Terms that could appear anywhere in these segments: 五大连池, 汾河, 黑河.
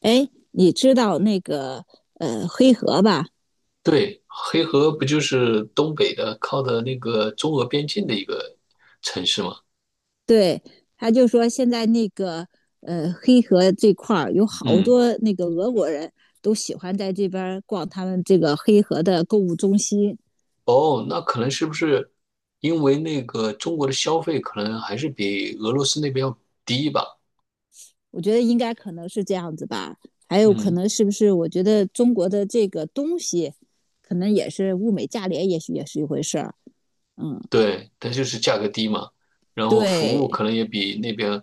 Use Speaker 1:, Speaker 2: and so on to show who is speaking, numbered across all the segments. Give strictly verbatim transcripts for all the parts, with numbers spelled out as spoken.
Speaker 1: 哎，你知道那个呃黑河吧？
Speaker 2: 对，黑河不就是东北的，靠的那个中俄边境的一个城市吗？
Speaker 1: 对，他就说现在那个呃黑河这块儿有好
Speaker 2: 嗯。
Speaker 1: 多那个俄国人都喜欢在这边儿逛他们这个黑河的购物中心。
Speaker 2: 哦，那可能是不是因为那个中国的消费可能还是比俄罗斯那边要低吧？
Speaker 1: 我觉得应该可能是这样子吧，还有可
Speaker 2: 嗯，
Speaker 1: 能是不是？我觉得中国的这个东西，可能也是物美价廉，也许也是一回事儿。
Speaker 2: 对，它就是价格低嘛，然后服务可
Speaker 1: 对，
Speaker 2: 能也比那边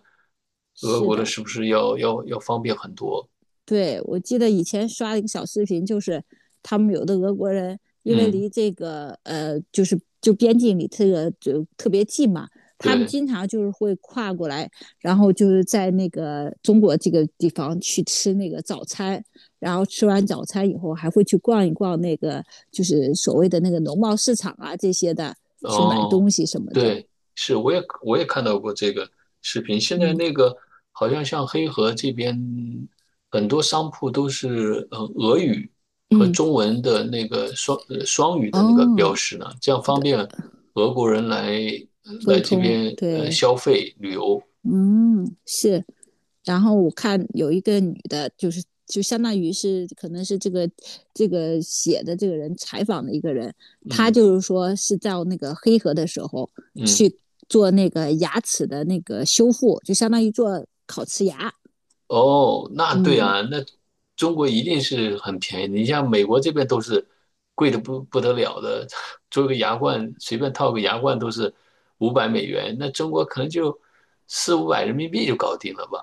Speaker 2: 俄
Speaker 1: 是
Speaker 2: 国的
Speaker 1: 的，
Speaker 2: 是不是要要要方便很多？
Speaker 1: 对，我记得以前刷了一个小视频，就是他们有的俄国人，因为
Speaker 2: 嗯，
Speaker 1: 离这个呃，就是就边境里这个就特别近嘛，他们
Speaker 2: 对。
Speaker 1: 经常就是会跨过来，然后就是在那个中国这个地方去吃那个早餐，然后吃完早餐以后还会去逛一逛那个就是所谓的那个农贸市场啊这些的，去买
Speaker 2: 哦，
Speaker 1: 东西什么的。
Speaker 2: 对，是，我也我也看到过这个视频。现在
Speaker 1: 嗯
Speaker 2: 那个好像像黑河这边很多商铺都是呃俄语和
Speaker 1: 嗯，
Speaker 2: 中文的那个双呃双语的那个标
Speaker 1: 哦，
Speaker 2: 识呢，这样方便俄国人来呃
Speaker 1: 沟
Speaker 2: 来这
Speaker 1: 通，
Speaker 2: 边呃
Speaker 1: 对，
Speaker 2: 消费旅游。
Speaker 1: 嗯，是。然后我看有一个女的，就是就相当于是可能是这个这个写的这个人采访的一个人，她
Speaker 2: 嗯
Speaker 1: 就是说是在那个黑河的时候
Speaker 2: 嗯。
Speaker 1: 去做那个牙齿的那个修复，就相当于做烤瓷牙。
Speaker 2: 哦，那对
Speaker 1: 嗯，
Speaker 2: 啊，那中国一定是很便宜的。你像美国这边都是贵的不不得了的，做个牙冠随便套个牙冠都是五百美元，那中国可能就四五百人民币就搞定了吧？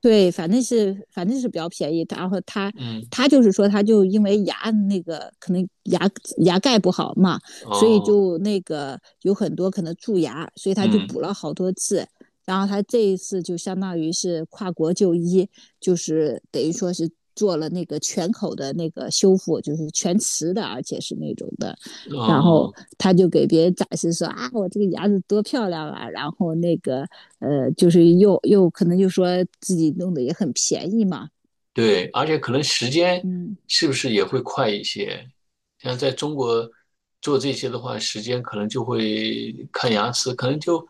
Speaker 1: 对，反正是反正是比较便宜。然后他
Speaker 2: 嗯。
Speaker 1: 他就是说，他就因为牙那个可能牙牙盖不好嘛，所以
Speaker 2: 哦。
Speaker 1: 就那个有很多可能蛀牙，所以他就
Speaker 2: 嗯。
Speaker 1: 补了好多次。然后他这一次就相当于是跨国就医，就是等于说是做了那个全口的那个修复，就是全瓷的，而且是那种的。然后
Speaker 2: 哦。
Speaker 1: 他就给别人展示说啊，我这个牙子多漂亮啊！然后那个呃，就是又又可能就说自己弄的也很便宜嘛，
Speaker 2: 对，而且可能时间
Speaker 1: 嗯，
Speaker 2: 是不是也会快一些？像在中国做这些的话，时间可能就会看牙齿，可能就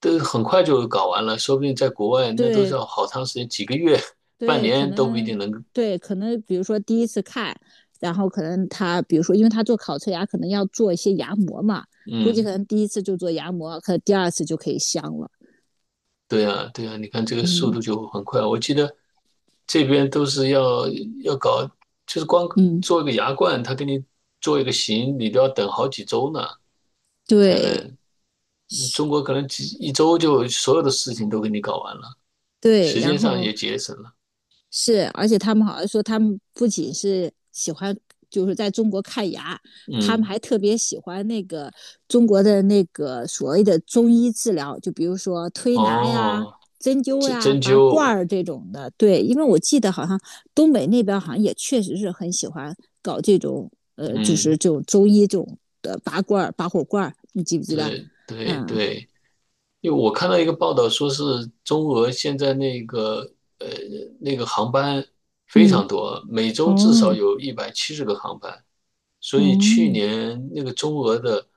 Speaker 2: 都很快就搞完了。说不定在国外那都
Speaker 1: 对
Speaker 2: 是要好长时间，几个月、半
Speaker 1: 对，可
Speaker 2: 年都不一
Speaker 1: 能，
Speaker 2: 定能。
Speaker 1: 对，可能，比如说第一次看，然后可能他比如说，因为他做烤瓷牙可能要做一些牙模嘛，估计
Speaker 2: 嗯，
Speaker 1: 可能第一次就做牙模，可能第二次就可以镶了，
Speaker 2: 对啊，对啊，你看这个速
Speaker 1: 嗯
Speaker 2: 度就很快。我记得这边都是要要搞，就是光
Speaker 1: 嗯，
Speaker 2: 做一个牙冠，他给你做一个形，你都要等好几周呢。才
Speaker 1: 对
Speaker 2: 能。那中国可能几一周就所有的事情都给你搞完了，
Speaker 1: 对，
Speaker 2: 时
Speaker 1: 然
Speaker 2: 间上
Speaker 1: 后
Speaker 2: 也节省了。
Speaker 1: 是，而且他们好像说，他们不仅是喜欢，就是在中国看牙，他们
Speaker 2: 嗯。
Speaker 1: 还特别喜欢那个中国的那个所谓的中医治疗，就比如说推拿呀、
Speaker 2: 哦，
Speaker 1: 针灸
Speaker 2: 针
Speaker 1: 呀、
Speaker 2: 针
Speaker 1: 拔罐
Speaker 2: 灸，
Speaker 1: 儿这种的。对，因为我记得好像东北那边好像也确实是很喜欢搞这种，呃，就是
Speaker 2: 嗯，
Speaker 1: 这种中医这种的拔罐儿、拔火罐儿，你记不记得？
Speaker 2: 对对
Speaker 1: 嗯
Speaker 2: 对，因为我看到一个报道说是中俄现在那个呃那个航班非
Speaker 1: 嗯，
Speaker 2: 常多，每周至少
Speaker 1: 哦
Speaker 2: 有一百七十个航班，所以去
Speaker 1: 哦，
Speaker 2: 年那个中俄的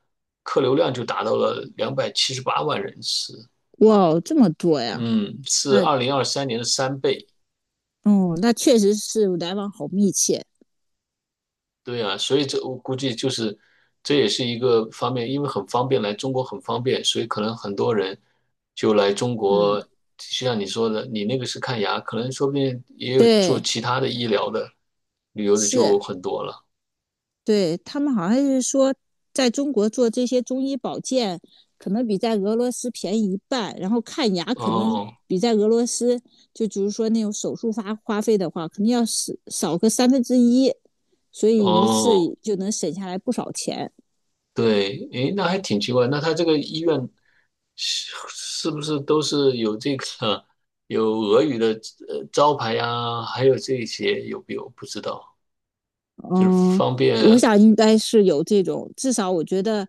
Speaker 2: 客流量就达到了两百七十八万人次，
Speaker 1: 哇，这么多呀！
Speaker 2: 嗯，
Speaker 1: 啊，
Speaker 2: 是二零二三年的三倍。
Speaker 1: 哦，那确实是来往好密切。
Speaker 2: 对啊，所以这我估计就是这也是一个方面，因为很方便，来中国很方便，所以可能很多人就来中
Speaker 1: 嗯，
Speaker 2: 国。就像你说的，你那个是看牙，可能说不定也有做
Speaker 1: 对，
Speaker 2: 其他的医疗的、旅游的
Speaker 1: 是，
Speaker 2: 就很多了。
Speaker 1: 对，他们好像是说，在中国做这些中医保健，可能比在俄罗斯便宜一半，然后看牙可能
Speaker 2: 哦
Speaker 1: 比在俄罗斯，就比如说那种手术花花费的话，肯定要少少个三分之一，所以一
Speaker 2: 哦，
Speaker 1: 次就能省下来不少钱。
Speaker 2: 对，诶，那还挺奇怪。那他这个医院是是不是都是有这个有俄语的呃招牌呀？还有这些有没有？不知道，就是
Speaker 1: 嗯，
Speaker 2: 方
Speaker 1: 我
Speaker 2: 便。
Speaker 1: 想应该是有这种，至少我觉得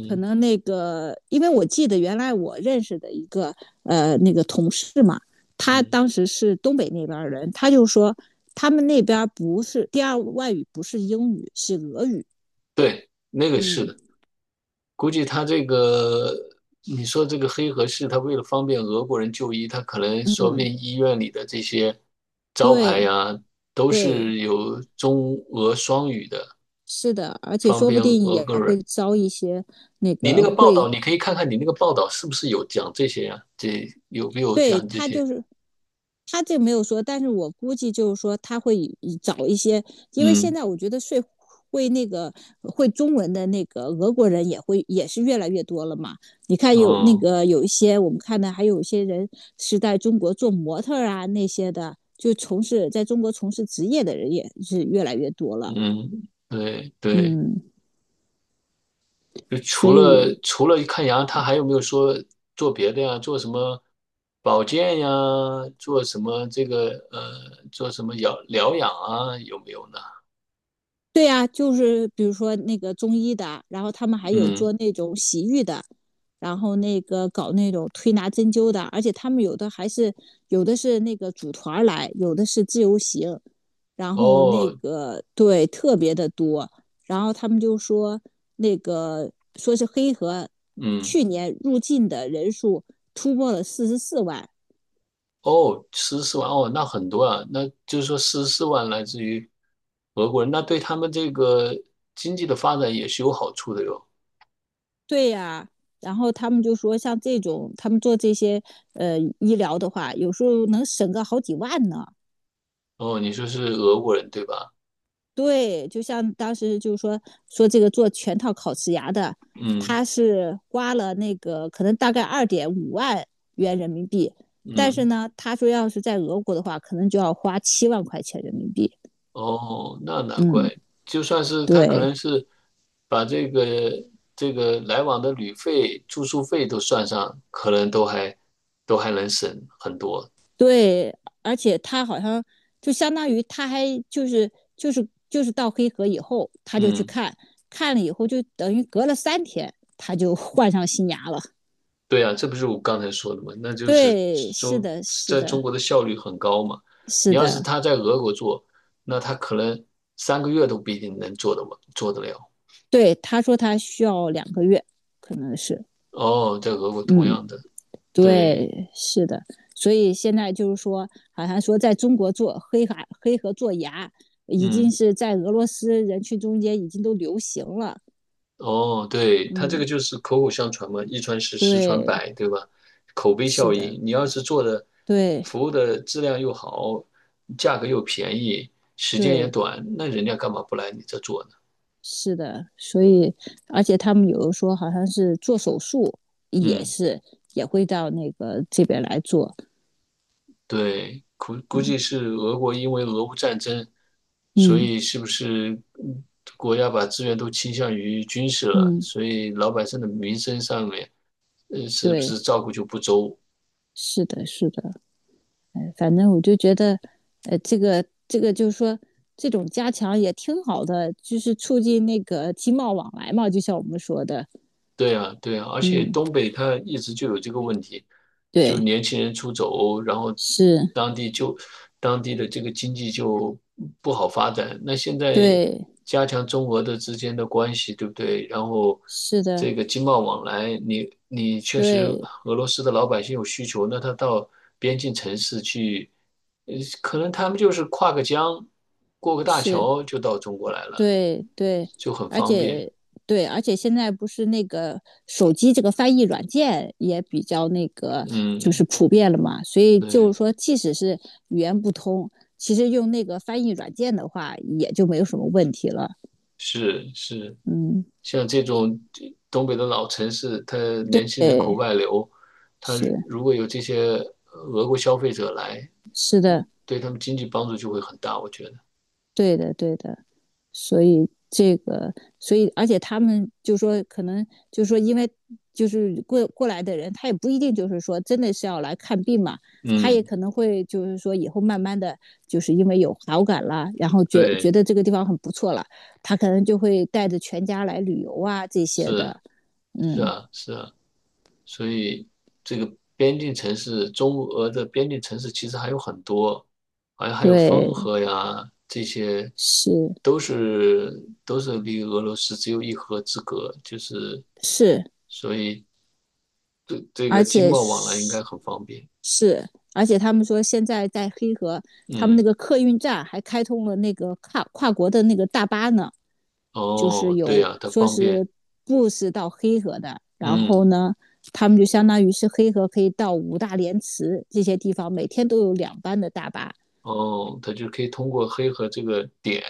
Speaker 1: 可能那个，因为我记得原来我认识的一个呃那个同事嘛，他
Speaker 2: 嗯，
Speaker 1: 当时是东北那边人，他就说他们那边不是第二外语不是英语，是俄语。
Speaker 2: 对，那个是
Speaker 1: 嗯
Speaker 2: 的，估计他这个，你说这个黑河市，他为了方便俄国人就医，他可能说不
Speaker 1: 嗯，
Speaker 2: 定医院里的这些招牌
Speaker 1: 对
Speaker 2: 呀，都
Speaker 1: 对，
Speaker 2: 是有中俄双语的，
Speaker 1: 是的，而且
Speaker 2: 方
Speaker 1: 说不
Speaker 2: 便
Speaker 1: 定
Speaker 2: 俄
Speaker 1: 也
Speaker 2: 国
Speaker 1: 会
Speaker 2: 人。
Speaker 1: 招一些那
Speaker 2: 你那
Speaker 1: 个
Speaker 2: 个报道，
Speaker 1: 会，
Speaker 2: 你可以看看你那个报道是不是有讲这些呀？这有没有
Speaker 1: 对，
Speaker 2: 讲这
Speaker 1: 他
Speaker 2: 些？
Speaker 1: 就是他这没有说，但是我估计就是说他会找一些，因为现
Speaker 2: 嗯。
Speaker 1: 在我觉得睡会那个会中文的那个俄国人也会也是越来越多了嘛。你看有那
Speaker 2: 哦。
Speaker 1: 个有一些我们看的，还有一些人是在中国做模特啊那些的，就从事在中国从事职业的人也是越来越多了。
Speaker 2: 嗯，对对。
Speaker 1: 嗯，
Speaker 2: 就
Speaker 1: 所
Speaker 2: 除
Speaker 1: 以我，
Speaker 2: 了除了看牙，他还有没有说做别的呀？做什么保健呀？做什么这个呃，做什么疗疗养啊？有没有呢？
Speaker 1: 对呀，就是比如说那个中医的，然后他们还有做
Speaker 2: 嗯。
Speaker 1: 那种洗浴的，然后那个搞那种推拿针灸的，而且他们有的还是有的是那个组团儿来，有的是自由行，然后那
Speaker 2: 哦。
Speaker 1: 个对特别的多，然后他们就说那个说是黑河
Speaker 2: 嗯。
Speaker 1: 去年入境的人数突破了四十四万，
Speaker 2: 哦，十四万哦，那很多啊，那就是说十四万来自于俄国人，那对他们这个经济的发展也是有好处的哟。
Speaker 1: 对呀，然后他们就说，像这种他们做这些呃医疗的话，有时候能省个好几万呢。
Speaker 2: 哦，你说是俄国人对吧？
Speaker 1: 对，就像当时就是说说这个做全套烤瓷牙的，
Speaker 2: 嗯
Speaker 1: 他是花了那个可能大概二点五万元人民币，但是
Speaker 2: 嗯。
Speaker 1: 呢，他说要是在俄国的话，可能就要花七万块钱人民币。
Speaker 2: 哦，那难
Speaker 1: 嗯，
Speaker 2: 怪，就算是他可
Speaker 1: 对，
Speaker 2: 能是把这个这个来往的旅费、住宿费都算上，可能都还都还能省很多。
Speaker 1: 对，而且他好像就相当于他还就是就是就是到黑河以后，他就去
Speaker 2: 嗯，
Speaker 1: 看，看了以后就等于隔了三天，他就 换上新牙了。
Speaker 2: 对啊，这不是我刚才说的嘛？那就是
Speaker 1: 对，是
Speaker 2: 中
Speaker 1: 的，是
Speaker 2: 在
Speaker 1: 的，
Speaker 2: 中国的效率很高嘛。
Speaker 1: 是
Speaker 2: 你要是
Speaker 1: 的，
Speaker 2: 他在俄国做，那他可能三个月都不一定能做得完，做得了。
Speaker 1: 对，他说他需要两个月，可能是，
Speaker 2: 哦，在俄国同
Speaker 1: 嗯，
Speaker 2: 样的，对，
Speaker 1: 对，是的，所以现在就是说，好像说在中国做黑海黑河做牙，已经
Speaker 2: 嗯。
Speaker 1: 是在俄罗斯人群中间已经都流行了，
Speaker 2: 哦，对，它这个
Speaker 1: 嗯，
Speaker 2: 就是口口相传嘛，一传十，十传
Speaker 1: 对，
Speaker 2: 百，对吧？口碑
Speaker 1: 是
Speaker 2: 效
Speaker 1: 的。
Speaker 2: 应，你要是做的
Speaker 1: 对
Speaker 2: 服务的质量又好，价格又便宜，时间也
Speaker 1: 对，
Speaker 2: 短，那人家干嘛不来你这做呢？
Speaker 1: 是的，所以而且他们有的说好像是做手术也
Speaker 2: 嗯，
Speaker 1: 是也会到那个这边来做，
Speaker 2: 对，估估计是俄国因为俄乌战争，所
Speaker 1: 嗯
Speaker 2: 以是不是嗯国家把资源都倾向于军事了，
Speaker 1: 嗯，
Speaker 2: 所以老百姓的民生上面，呃，是不
Speaker 1: 对，
Speaker 2: 是照顾就不周？
Speaker 1: 是的，是的，哎，反正我就觉得，呃，这个这个就是说这种加强也挺好的，就是促进那个经贸往来嘛，就像我们说的，
Speaker 2: 对啊，对啊，而且
Speaker 1: 嗯，
Speaker 2: 东北它一直就有这个问题，就是
Speaker 1: 对，
Speaker 2: 年轻人出走，然后
Speaker 1: 是，
Speaker 2: 当地就当地的这个经济就不好发展。那现在
Speaker 1: 对，
Speaker 2: 加强中俄的之间的关系，对不对？然后
Speaker 1: 是的，
Speaker 2: 这个经贸往来，你你确实
Speaker 1: 对，
Speaker 2: 俄罗斯的老百姓有需求，那他到边境城市去，呃，可能他们就是跨个江，过个大
Speaker 1: 是。
Speaker 2: 桥就到中国来了，
Speaker 1: 对对，
Speaker 2: 就很
Speaker 1: 而
Speaker 2: 方便。
Speaker 1: 且对，而且现在不是那个手机这个翻译软件也比较那个，就是
Speaker 2: 嗯，
Speaker 1: 普遍了嘛。所以就是
Speaker 2: 对。
Speaker 1: 说，即使是语言不通，其实用那个翻译软件的话，也就没有什么问题了。
Speaker 2: 是是，
Speaker 1: 嗯，
Speaker 2: 像这种东北的老城市，它年轻人口
Speaker 1: 对，
Speaker 2: 外流，它
Speaker 1: 是，
Speaker 2: 如果有这些俄国消费者来，
Speaker 1: 是的，
Speaker 2: 对他们经济帮助就会很大，我觉得。
Speaker 1: 对的对的。所以这个，所以而且他们就说，可能就说，因为就是过过来的人，他也不一定就是说真的是要来看病嘛，他也
Speaker 2: 嗯，
Speaker 1: 可能会就是说以后慢慢的就是因为有好感了，然后觉觉
Speaker 2: 对，
Speaker 1: 得这个地方很不错了，他可能就会带着全家来旅游啊这些
Speaker 2: 是
Speaker 1: 的，
Speaker 2: 是
Speaker 1: 嗯，
Speaker 2: 啊是啊，所以这个边境城市，中俄的边境城市其实还有很多，好像还有
Speaker 1: 对，
Speaker 2: 汾河呀，这些
Speaker 1: 是
Speaker 2: 都是都是离俄罗斯只有一河之隔，就是
Speaker 1: 是，
Speaker 2: 所以这这
Speaker 1: 而
Speaker 2: 个经
Speaker 1: 且
Speaker 2: 贸往来应该很方便。
Speaker 1: 是，而且他们说现在在黑河，他们那
Speaker 2: 嗯。
Speaker 1: 个客运站还开通了那个跨跨国的那个大巴呢，就是
Speaker 2: 哦，对
Speaker 1: 有
Speaker 2: 呀，它
Speaker 1: 说
Speaker 2: 方便。
Speaker 1: 是 bus 到黑河的，然后
Speaker 2: 嗯。
Speaker 1: 呢，他们就相当于是黑河可以到五大连池这些地方，每天都有两班的大巴。
Speaker 2: 哦，它就可以通过黑河这个点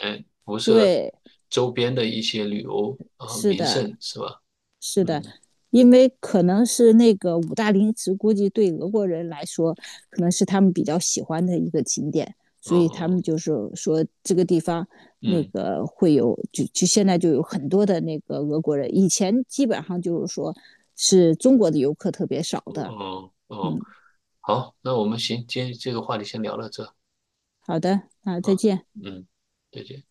Speaker 2: 辐射
Speaker 1: 对，
Speaker 2: 周边的一些旅游啊、
Speaker 1: 是
Speaker 2: 名
Speaker 1: 的，
Speaker 2: 胜，是吧？
Speaker 1: 是的，
Speaker 2: 嗯。
Speaker 1: 因为可能是那个五大陵池，估计对俄国人来说，可能是他们比较喜欢的一个景点，所以他们
Speaker 2: 哦。
Speaker 1: 就是说这个地方那
Speaker 2: 嗯。
Speaker 1: 个会有，就就现在就有很多的那个俄国人，以前基本上就是说是中国的游客特别少的。
Speaker 2: 哦哦，
Speaker 1: 嗯，
Speaker 2: 好，那我们行，今天这个话题先聊到这
Speaker 1: 好的，那再
Speaker 2: 啊，
Speaker 1: 见。
Speaker 2: 嗯，再见。